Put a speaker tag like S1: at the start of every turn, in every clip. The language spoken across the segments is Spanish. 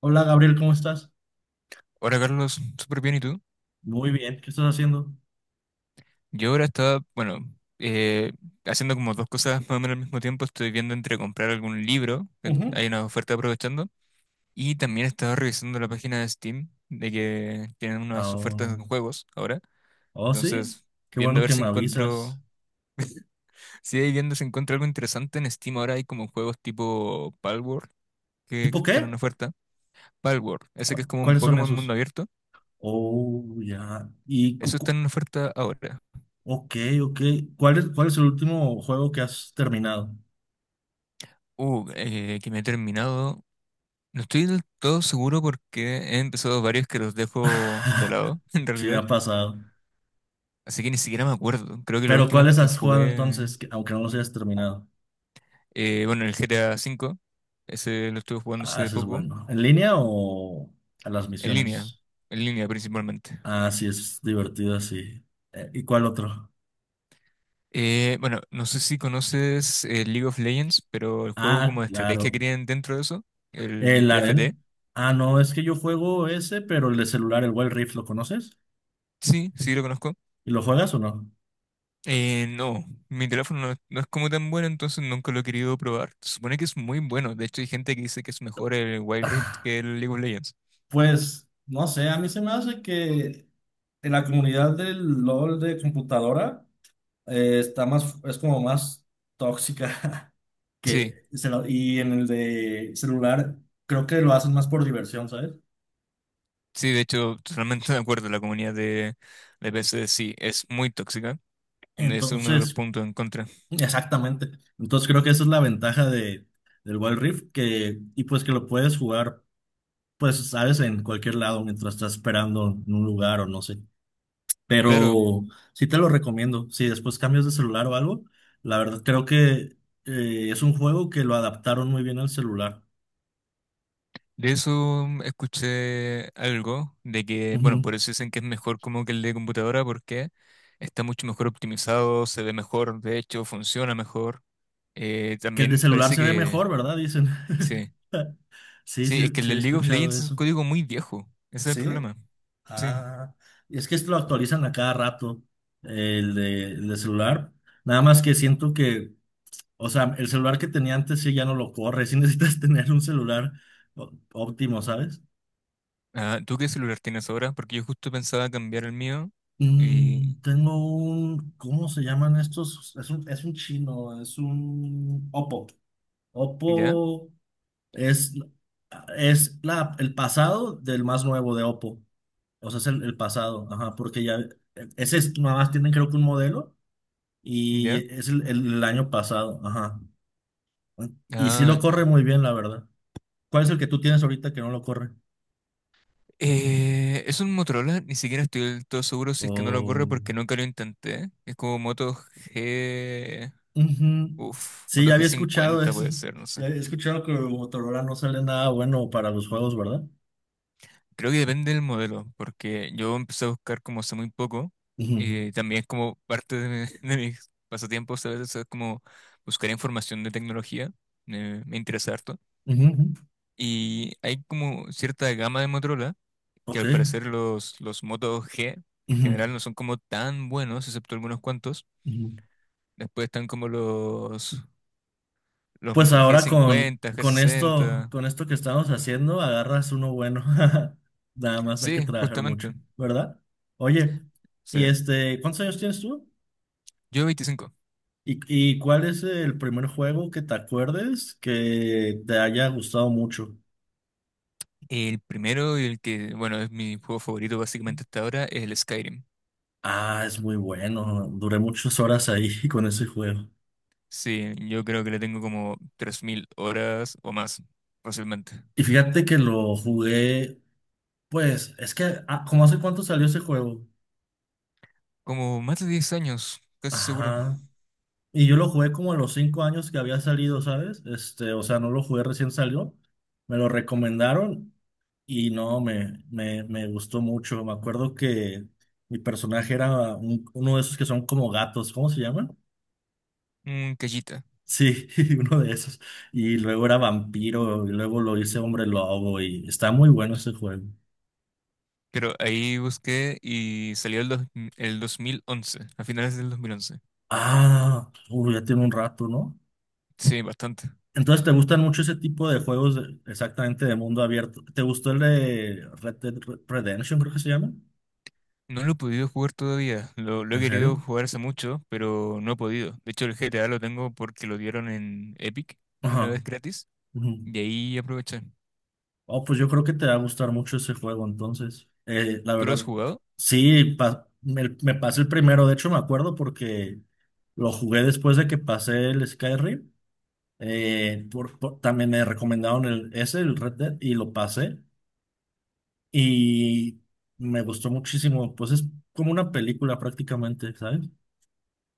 S1: Hola Gabriel, ¿cómo estás?
S2: Hola Carlos, súper bien, ¿y tú?
S1: Muy bien, ¿qué estás haciendo?
S2: Yo ahora estaba, bueno, eh, haciendo como dos cosas más o menos al mismo tiempo. Estoy viendo entre comprar algún libro, que
S1: Ujú.
S2: hay una oferta aprovechando, y también estaba revisando la página de Steam, de que tienen unas ofertas
S1: Oh,
S2: en juegos ahora.
S1: oh, sí,
S2: Entonces,
S1: qué
S2: viendo a
S1: bueno
S2: ver
S1: que
S2: si
S1: me
S2: encuentro,
S1: avisas.
S2: si ahí viendo si encuentro algo interesante en Steam ahora hay como juegos tipo Palworld, que
S1: ¿Tipo
S2: están en
S1: qué?
S2: oferta. Palworld, ese que es como un
S1: ¿Cuáles son
S2: Pokémon mundo
S1: esos?
S2: abierto,
S1: Oh, ya.
S2: eso está en oferta ahora.
S1: Ok, ok. ¿Cuál es el último juego que has terminado?
S2: Que me he terminado. No estoy del todo seguro porque he empezado varios que los dejo de lado, en
S1: Sí, me
S2: realidad.
S1: ha pasado.
S2: Así que ni siquiera me acuerdo. Creo que los
S1: Pero
S2: últimos
S1: ¿cuáles
S2: que
S1: has jugado
S2: jugué,
S1: entonces, aunque no los hayas terminado?
S2: bueno, el GTA cinco, ese lo estuve jugando
S1: Ah,
S2: hace
S1: ese es
S2: poco,
S1: bueno. ¿En línea o a las
S2: en línea,
S1: misiones?
S2: en línea principalmente.
S1: Ah, sí, es divertido, sí. ¿Y cuál otro?
S2: Bueno, no sé si conoces League of Legends, pero el juego como
S1: Ah,
S2: de estrategia
S1: claro.
S2: que tienen dentro de eso, el
S1: El arena.
S2: TFT,
S1: Ah, no, es que yo juego ese, pero el de celular, el Wild Rift, ¿lo conoces?
S2: sí, sí lo conozco.
S1: ¿Y lo juegas o no?
S2: No, mi teléfono no, es no es como tan bueno, entonces nunca lo he querido probar. Se supone que es muy bueno. De hecho, hay gente que dice que es mejor el Wild Rift
S1: Ah,
S2: que el League of Legends.
S1: pues, no sé, a mí se me hace que en la comunidad del LOL de computadora está más, es como más tóxica.
S2: Sí,
S1: Y en el de celular creo que lo hacen más por diversión, ¿sabes?
S2: sí, de hecho, totalmente de acuerdo. La comunidad de PC sí es muy tóxica. Es uno de los
S1: Entonces,
S2: puntos en contra.
S1: exactamente. Entonces creo que esa es la ventaja del Wild Rift, que, y pues que lo puedes jugar. Pues, sabes, en cualquier lado mientras estás esperando en un lugar o no sé.
S2: Claro,
S1: Pero sí te lo recomiendo. Si después cambias de celular o algo, la verdad creo que es un juego que lo adaptaron muy bien al celular.
S2: de eso escuché algo de que, bueno, por
S1: Ujú.
S2: eso dicen que es mejor como que el de computadora porque está mucho mejor optimizado, se ve mejor, de hecho, funciona mejor.
S1: Que el de
S2: También
S1: celular
S2: parece
S1: se ve
S2: que...
S1: mejor, ¿verdad? Dicen.
S2: Sí.
S1: Sí,
S2: Sí, es
S1: sí,
S2: que el
S1: sí he
S2: League of
S1: escuchado
S2: Legends es un
S1: eso.
S2: código muy viejo. Ese es el
S1: ¿Sí?
S2: problema. Sí.
S1: Ah, es que esto lo actualizan a cada rato, el de celular. Nada más que siento que. O sea, el celular que tenía antes sí ya no lo corre. Sí necesitas tener un celular óptimo, ¿sabes?
S2: Ah, ¿tú qué celular tienes ahora? Porque yo justo pensaba cambiar el mío y...
S1: Mm, tengo un, ¿cómo se llaman estos? Es un chino, es un Oppo.
S2: ¿Ya?
S1: Oppo es, es la, el pasado del más nuevo de Oppo. O sea, es el pasado, ajá, porque ya, ese es, nada más tienen creo que un modelo y
S2: ¿Ya?
S1: es el año pasado, ajá. Y sí
S2: Ah,
S1: lo corre
S2: ya.
S1: muy bien, la verdad. ¿Cuál es el que tú tienes ahorita que no lo corre?
S2: Es un Motorola, ni siquiera estoy del todo seguro si es que no lo corre
S1: Oh,
S2: porque nunca lo intenté. Es como Moto G...
S1: ujú.
S2: Uf,
S1: Sí,
S2: Moto
S1: ya había escuchado
S2: G50
S1: eso.
S2: puede ser, no sé.
S1: Ya había escuchado que Motorola no sale nada bueno para los juegos, ¿verdad?
S2: Creo que depende del modelo, porque yo empecé a buscar como hace muy poco,
S1: Ujú,
S2: y también es como parte de, de mis pasatiempos a veces es como buscar información de tecnología, me interesa harto,
S1: ujú, ujú.
S2: y hay como cierta gama de Motorola, que
S1: Ok.
S2: al parecer los Moto G en general
S1: Ujú,
S2: no son como tan buenos, excepto algunos cuantos,
S1: ujú.
S2: después están como los
S1: Pues ahora con,
S2: G50,
S1: con esto,
S2: G60,
S1: con esto que estamos haciendo, agarras uno bueno. Nada más hay que
S2: sí,
S1: trabajar
S2: justamente,
S1: mucho, ¿verdad? Oye,
S2: sí,
S1: y este, ¿cuántos años tienes tú?
S2: yo 25.
S1: ¿Y cuál es el primer juego que te acuerdes que te haya gustado mucho?
S2: El primero y el que, bueno, es mi juego favorito básicamente hasta ahora es el Skyrim.
S1: Ah, es muy bueno. Duré muchas horas ahí con ese juego.
S2: Sí, yo creo que le tengo como 3.000 horas o más, fácilmente.
S1: Y fíjate que lo jugué, pues, es que, ¿cómo hace cuánto salió ese juego?
S2: Como más de 10 años, casi seguro.
S1: Ajá. Y yo lo jugué como a los 5 años que había salido, ¿sabes? Este, o sea, no lo jugué recién salió. Me lo recomendaron y no, me gustó mucho. Me acuerdo que mi personaje era uno de esos que son como gatos, ¿cómo se llaman?
S2: Un callita.
S1: Sí, uno de esos. Y luego era vampiro, y luego lo hice hombre lobo, y está muy bueno ese juego.
S2: Pero ahí busqué y salió el 2011, a finales del 2011.
S1: Ah, uy, ya tiene un rato, ¿no?
S2: Sí, bastante.
S1: Entonces, ¿te gustan mucho ese tipo de juegos exactamente de mundo abierto? ¿Te gustó el de Red Dead Redemption, creo que se llama?
S2: No lo he podido jugar todavía. Lo he
S1: ¿En serio?
S2: querido jugar hace mucho, pero no he podido. De hecho, el GTA lo tengo porque lo dieron en Epic una
S1: Ajá.
S2: vez gratis
S1: Ujú.
S2: y ahí aproveché.
S1: Oh, pues yo creo que te va a gustar mucho ese juego, entonces. La
S2: ¿Tú lo has
S1: verdad,
S2: jugado?
S1: sí, me pasé el primero, de hecho me acuerdo porque lo jugué después de que pasé el Skyrim. También me recomendaron el, ese, el Red Dead, y lo pasé. Y me gustó muchísimo. Pues es como una película prácticamente, ¿sabes?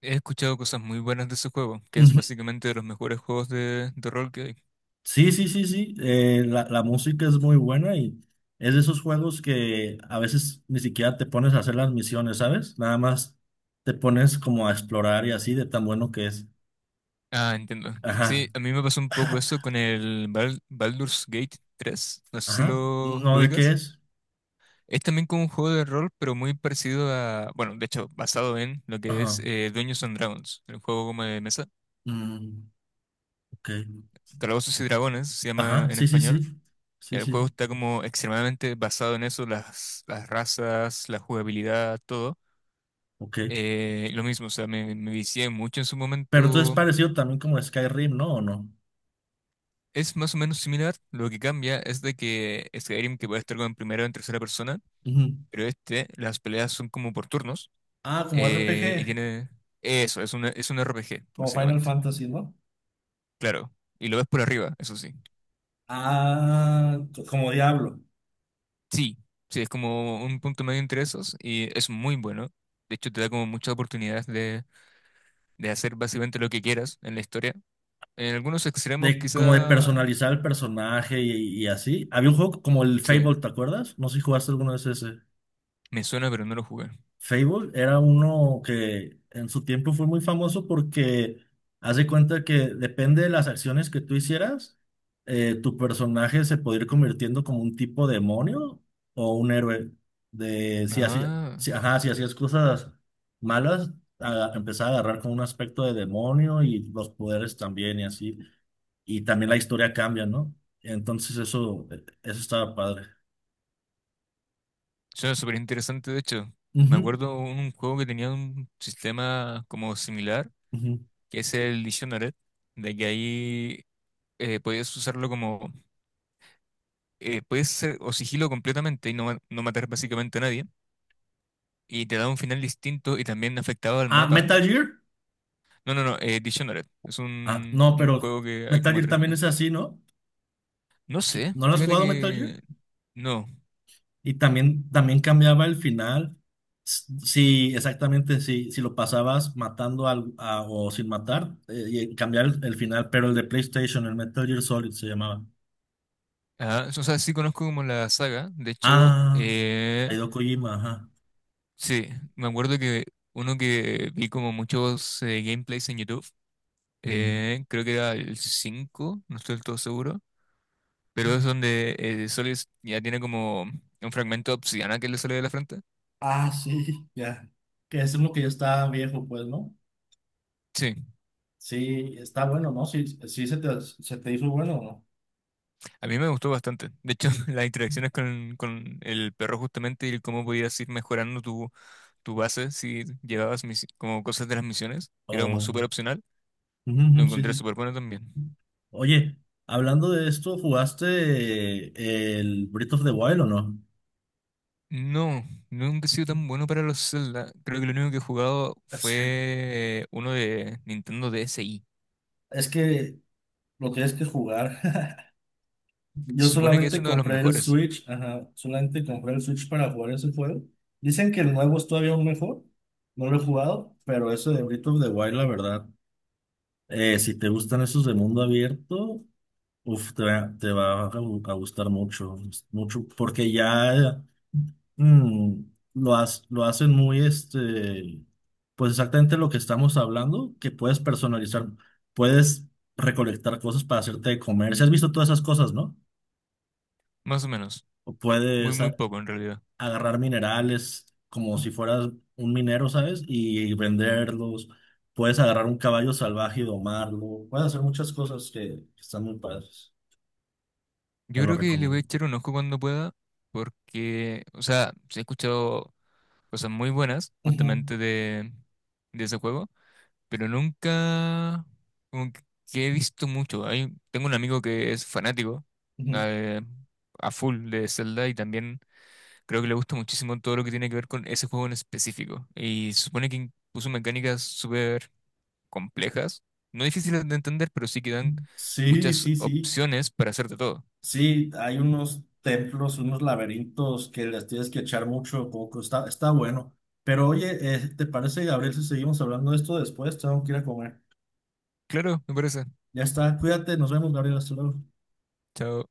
S2: He escuchado cosas muy buenas de ese juego, que es
S1: Ujú.
S2: básicamente de los mejores juegos de rol que hay.
S1: Sí, sí, sí, sí. La música es muy buena y es de esos juegos que a veces ni siquiera te pones a hacer las misiones, ¿sabes? Nada más te pones como a explorar y así de tan bueno que es.
S2: Ah, entiendo.
S1: Ajá,
S2: Sí, a mí me pasó un poco eso con el Baldur's Gate 3. No sé si
S1: ajá.
S2: lo
S1: ¿No de qué
S2: ubicas.
S1: es?
S2: Es también como un juego de rol, pero muy parecido a, bueno, de hecho, basado en lo que
S1: Ajá.
S2: es Dungeons and Dragons, el juego como de mesa.
S1: Mm, ok.
S2: Calabozos y Dragones se llama
S1: Ajá,
S2: en
S1: sí, sí, sí.
S2: español.
S1: Sí,
S2: El
S1: sí,
S2: juego
S1: sí.
S2: está como extremadamente basado en eso, las razas, la jugabilidad, todo.
S1: Ok.
S2: Lo mismo, o sea, me vicié mucho en su
S1: Pero entonces es
S2: momento.
S1: parecido también como Skyrim, ¿no? ¿O no?
S2: Es más o menos similar, lo que cambia es de que Skyrim que puede estar con primera o en tercera persona,
S1: Ujú.
S2: pero este, las peleas son como por turnos,
S1: Ah, como R P
S2: y
S1: G
S2: tiene eso, es un RPG,
S1: como Final
S2: básicamente.
S1: Fantasy, ¿no?
S2: Claro, y lo ves por arriba, eso sí.
S1: Ah, como Diablo.
S2: Sí, sí, es como un punto medio entre esos, y es muy bueno. De hecho, te da como muchas oportunidades de hacer básicamente lo que quieras en la historia. En algunos extremos
S1: De, como de
S2: quizá,
S1: personalizar el personaje y así. Había un juego como el
S2: sí,
S1: Fable, ¿te acuerdas? No sé si jugaste alguno de ese.
S2: me suena, pero no lo jugué.
S1: Fable era uno que en su tiempo fue muy famoso porque haz de cuenta que depende de las acciones que tú hicieras, tu personaje se podía ir convirtiendo como un tipo demonio o un héroe. De si hacía,
S2: Ah.
S1: si, ajá, si hacías cosas malas, empezaba a agarrar con un aspecto de demonio y los poderes también y así. Y también la historia cambia, ¿no? Entonces eso estaba padre.
S2: Suena súper interesante, de hecho. Me
S1: Ujú,
S2: acuerdo un juego que tenía un sistema como similar,
S1: ujú.
S2: que es el Dishonored, de que ahí podías usarlo como, puedes ser o sigilo completamente y no, no matar básicamente a nadie, y te da un final distinto y también afectado al
S1: Ah,
S2: mapa.
S1: Metal Gear.
S2: No, Dictionary. Es
S1: Ah, no,
S2: un
S1: pero
S2: juego que hay
S1: Metal
S2: como
S1: Gear
S2: tres
S1: también
S2: ya.
S1: es así, ¿no?
S2: No sé,
S1: ¿No lo has
S2: fíjate
S1: jugado Metal Gear?
S2: que no.
S1: Y también, también cambiaba el final. Sí, exactamente, sí, si lo pasabas matando o sin matar, y cambiar el final, pero el de PlayStation, el Metal Gear Solid se llamaba.
S2: Ah, o sea, sí conozco como la saga, de hecho,
S1: Ah, Hideo Kojima, ajá.
S2: sí, me acuerdo que uno que vi como muchos gameplays en YouTube,
S1: Mm.
S2: creo que era el 5, no estoy del todo seguro, pero es donde Solis ya tiene como un fragmento de obsidiana que le sale de la frente.
S1: Ah, sí, ya. Que es uno que ya está viejo, pues, ¿no?
S2: Sí,
S1: Sí, está bueno, ¿no? Sí, sí se te hizo bueno, ¿no?
S2: a mí me gustó bastante. De hecho, las interacciones con el perro justamente y cómo podías ir mejorando tu, tu base si llevabas como cosas de las misiones, que era como
S1: O-
S2: súper opcional,
S1: Ujú, ujú,
S2: lo
S1: sí, sí.
S2: encontré súper bueno también.
S1: Oye, hablando de esto, ¿jugaste el Breath of the Wild o no?
S2: No, nunca he sido tan bueno para los Zelda. Creo que lo único que he jugado
S1: Sí,
S2: fue uno de Nintendo DSi.
S1: es que lo tienes que jugar.
S2: Se
S1: Yo
S2: supone que es
S1: solamente
S2: uno de los
S1: compré el
S2: mejores,
S1: Switch, ajá, solamente compré el Switch para jugar ese juego. Dicen que el nuevo es todavía aún mejor. No lo he jugado, pero eso de Breath of the Wild, la verdad. Si te gustan esos de mundo abierto, uf, te va a a gustar mucho, mucho, porque ya. Mm, lo hacen muy, este, pues exactamente lo que estamos hablando, que puedes personalizar, puedes recolectar cosas para hacerte de comer. Si has visto todas esas cosas, ¿no?
S2: más o menos.
S1: O
S2: Muy,
S1: puedes
S2: muy poco en realidad.
S1: agarrar minerales como si fueras un minero, ¿sabes? Y venderlos. Puedes agarrar un caballo salvaje y domarlo. Puedes hacer muchas cosas que están muy padres. Te
S2: Yo
S1: lo
S2: creo que le voy a
S1: recomiendo.
S2: echar un ojo cuando pueda, porque, o sea, sí he escuchado cosas muy buenas
S1: Ujú,
S2: justamente de ese juego, pero nunca como que he visto mucho. Hay, tengo un amigo que es fanático
S1: ujú.
S2: eh, a full de Zelda y también creo que le gusta muchísimo todo lo que tiene que ver con ese juego en específico. Y se supone que puso mecánicas súper complejas, no difíciles de entender, pero sí que dan
S1: Sí,
S2: muchas
S1: sí, sí.
S2: opciones para hacerte todo.
S1: Sí, hay unos templos, unos laberintos que les tienes que echar mucho poco. Está bueno. Pero oye, ¿te parece, Gabriel, si seguimos hablando de esto después? Tengo que ir a comer.
S2: Claro, me parece.
S1: Ya está, cuídate, nos vemos, Gabriel, hasta luego.
S2: Chao.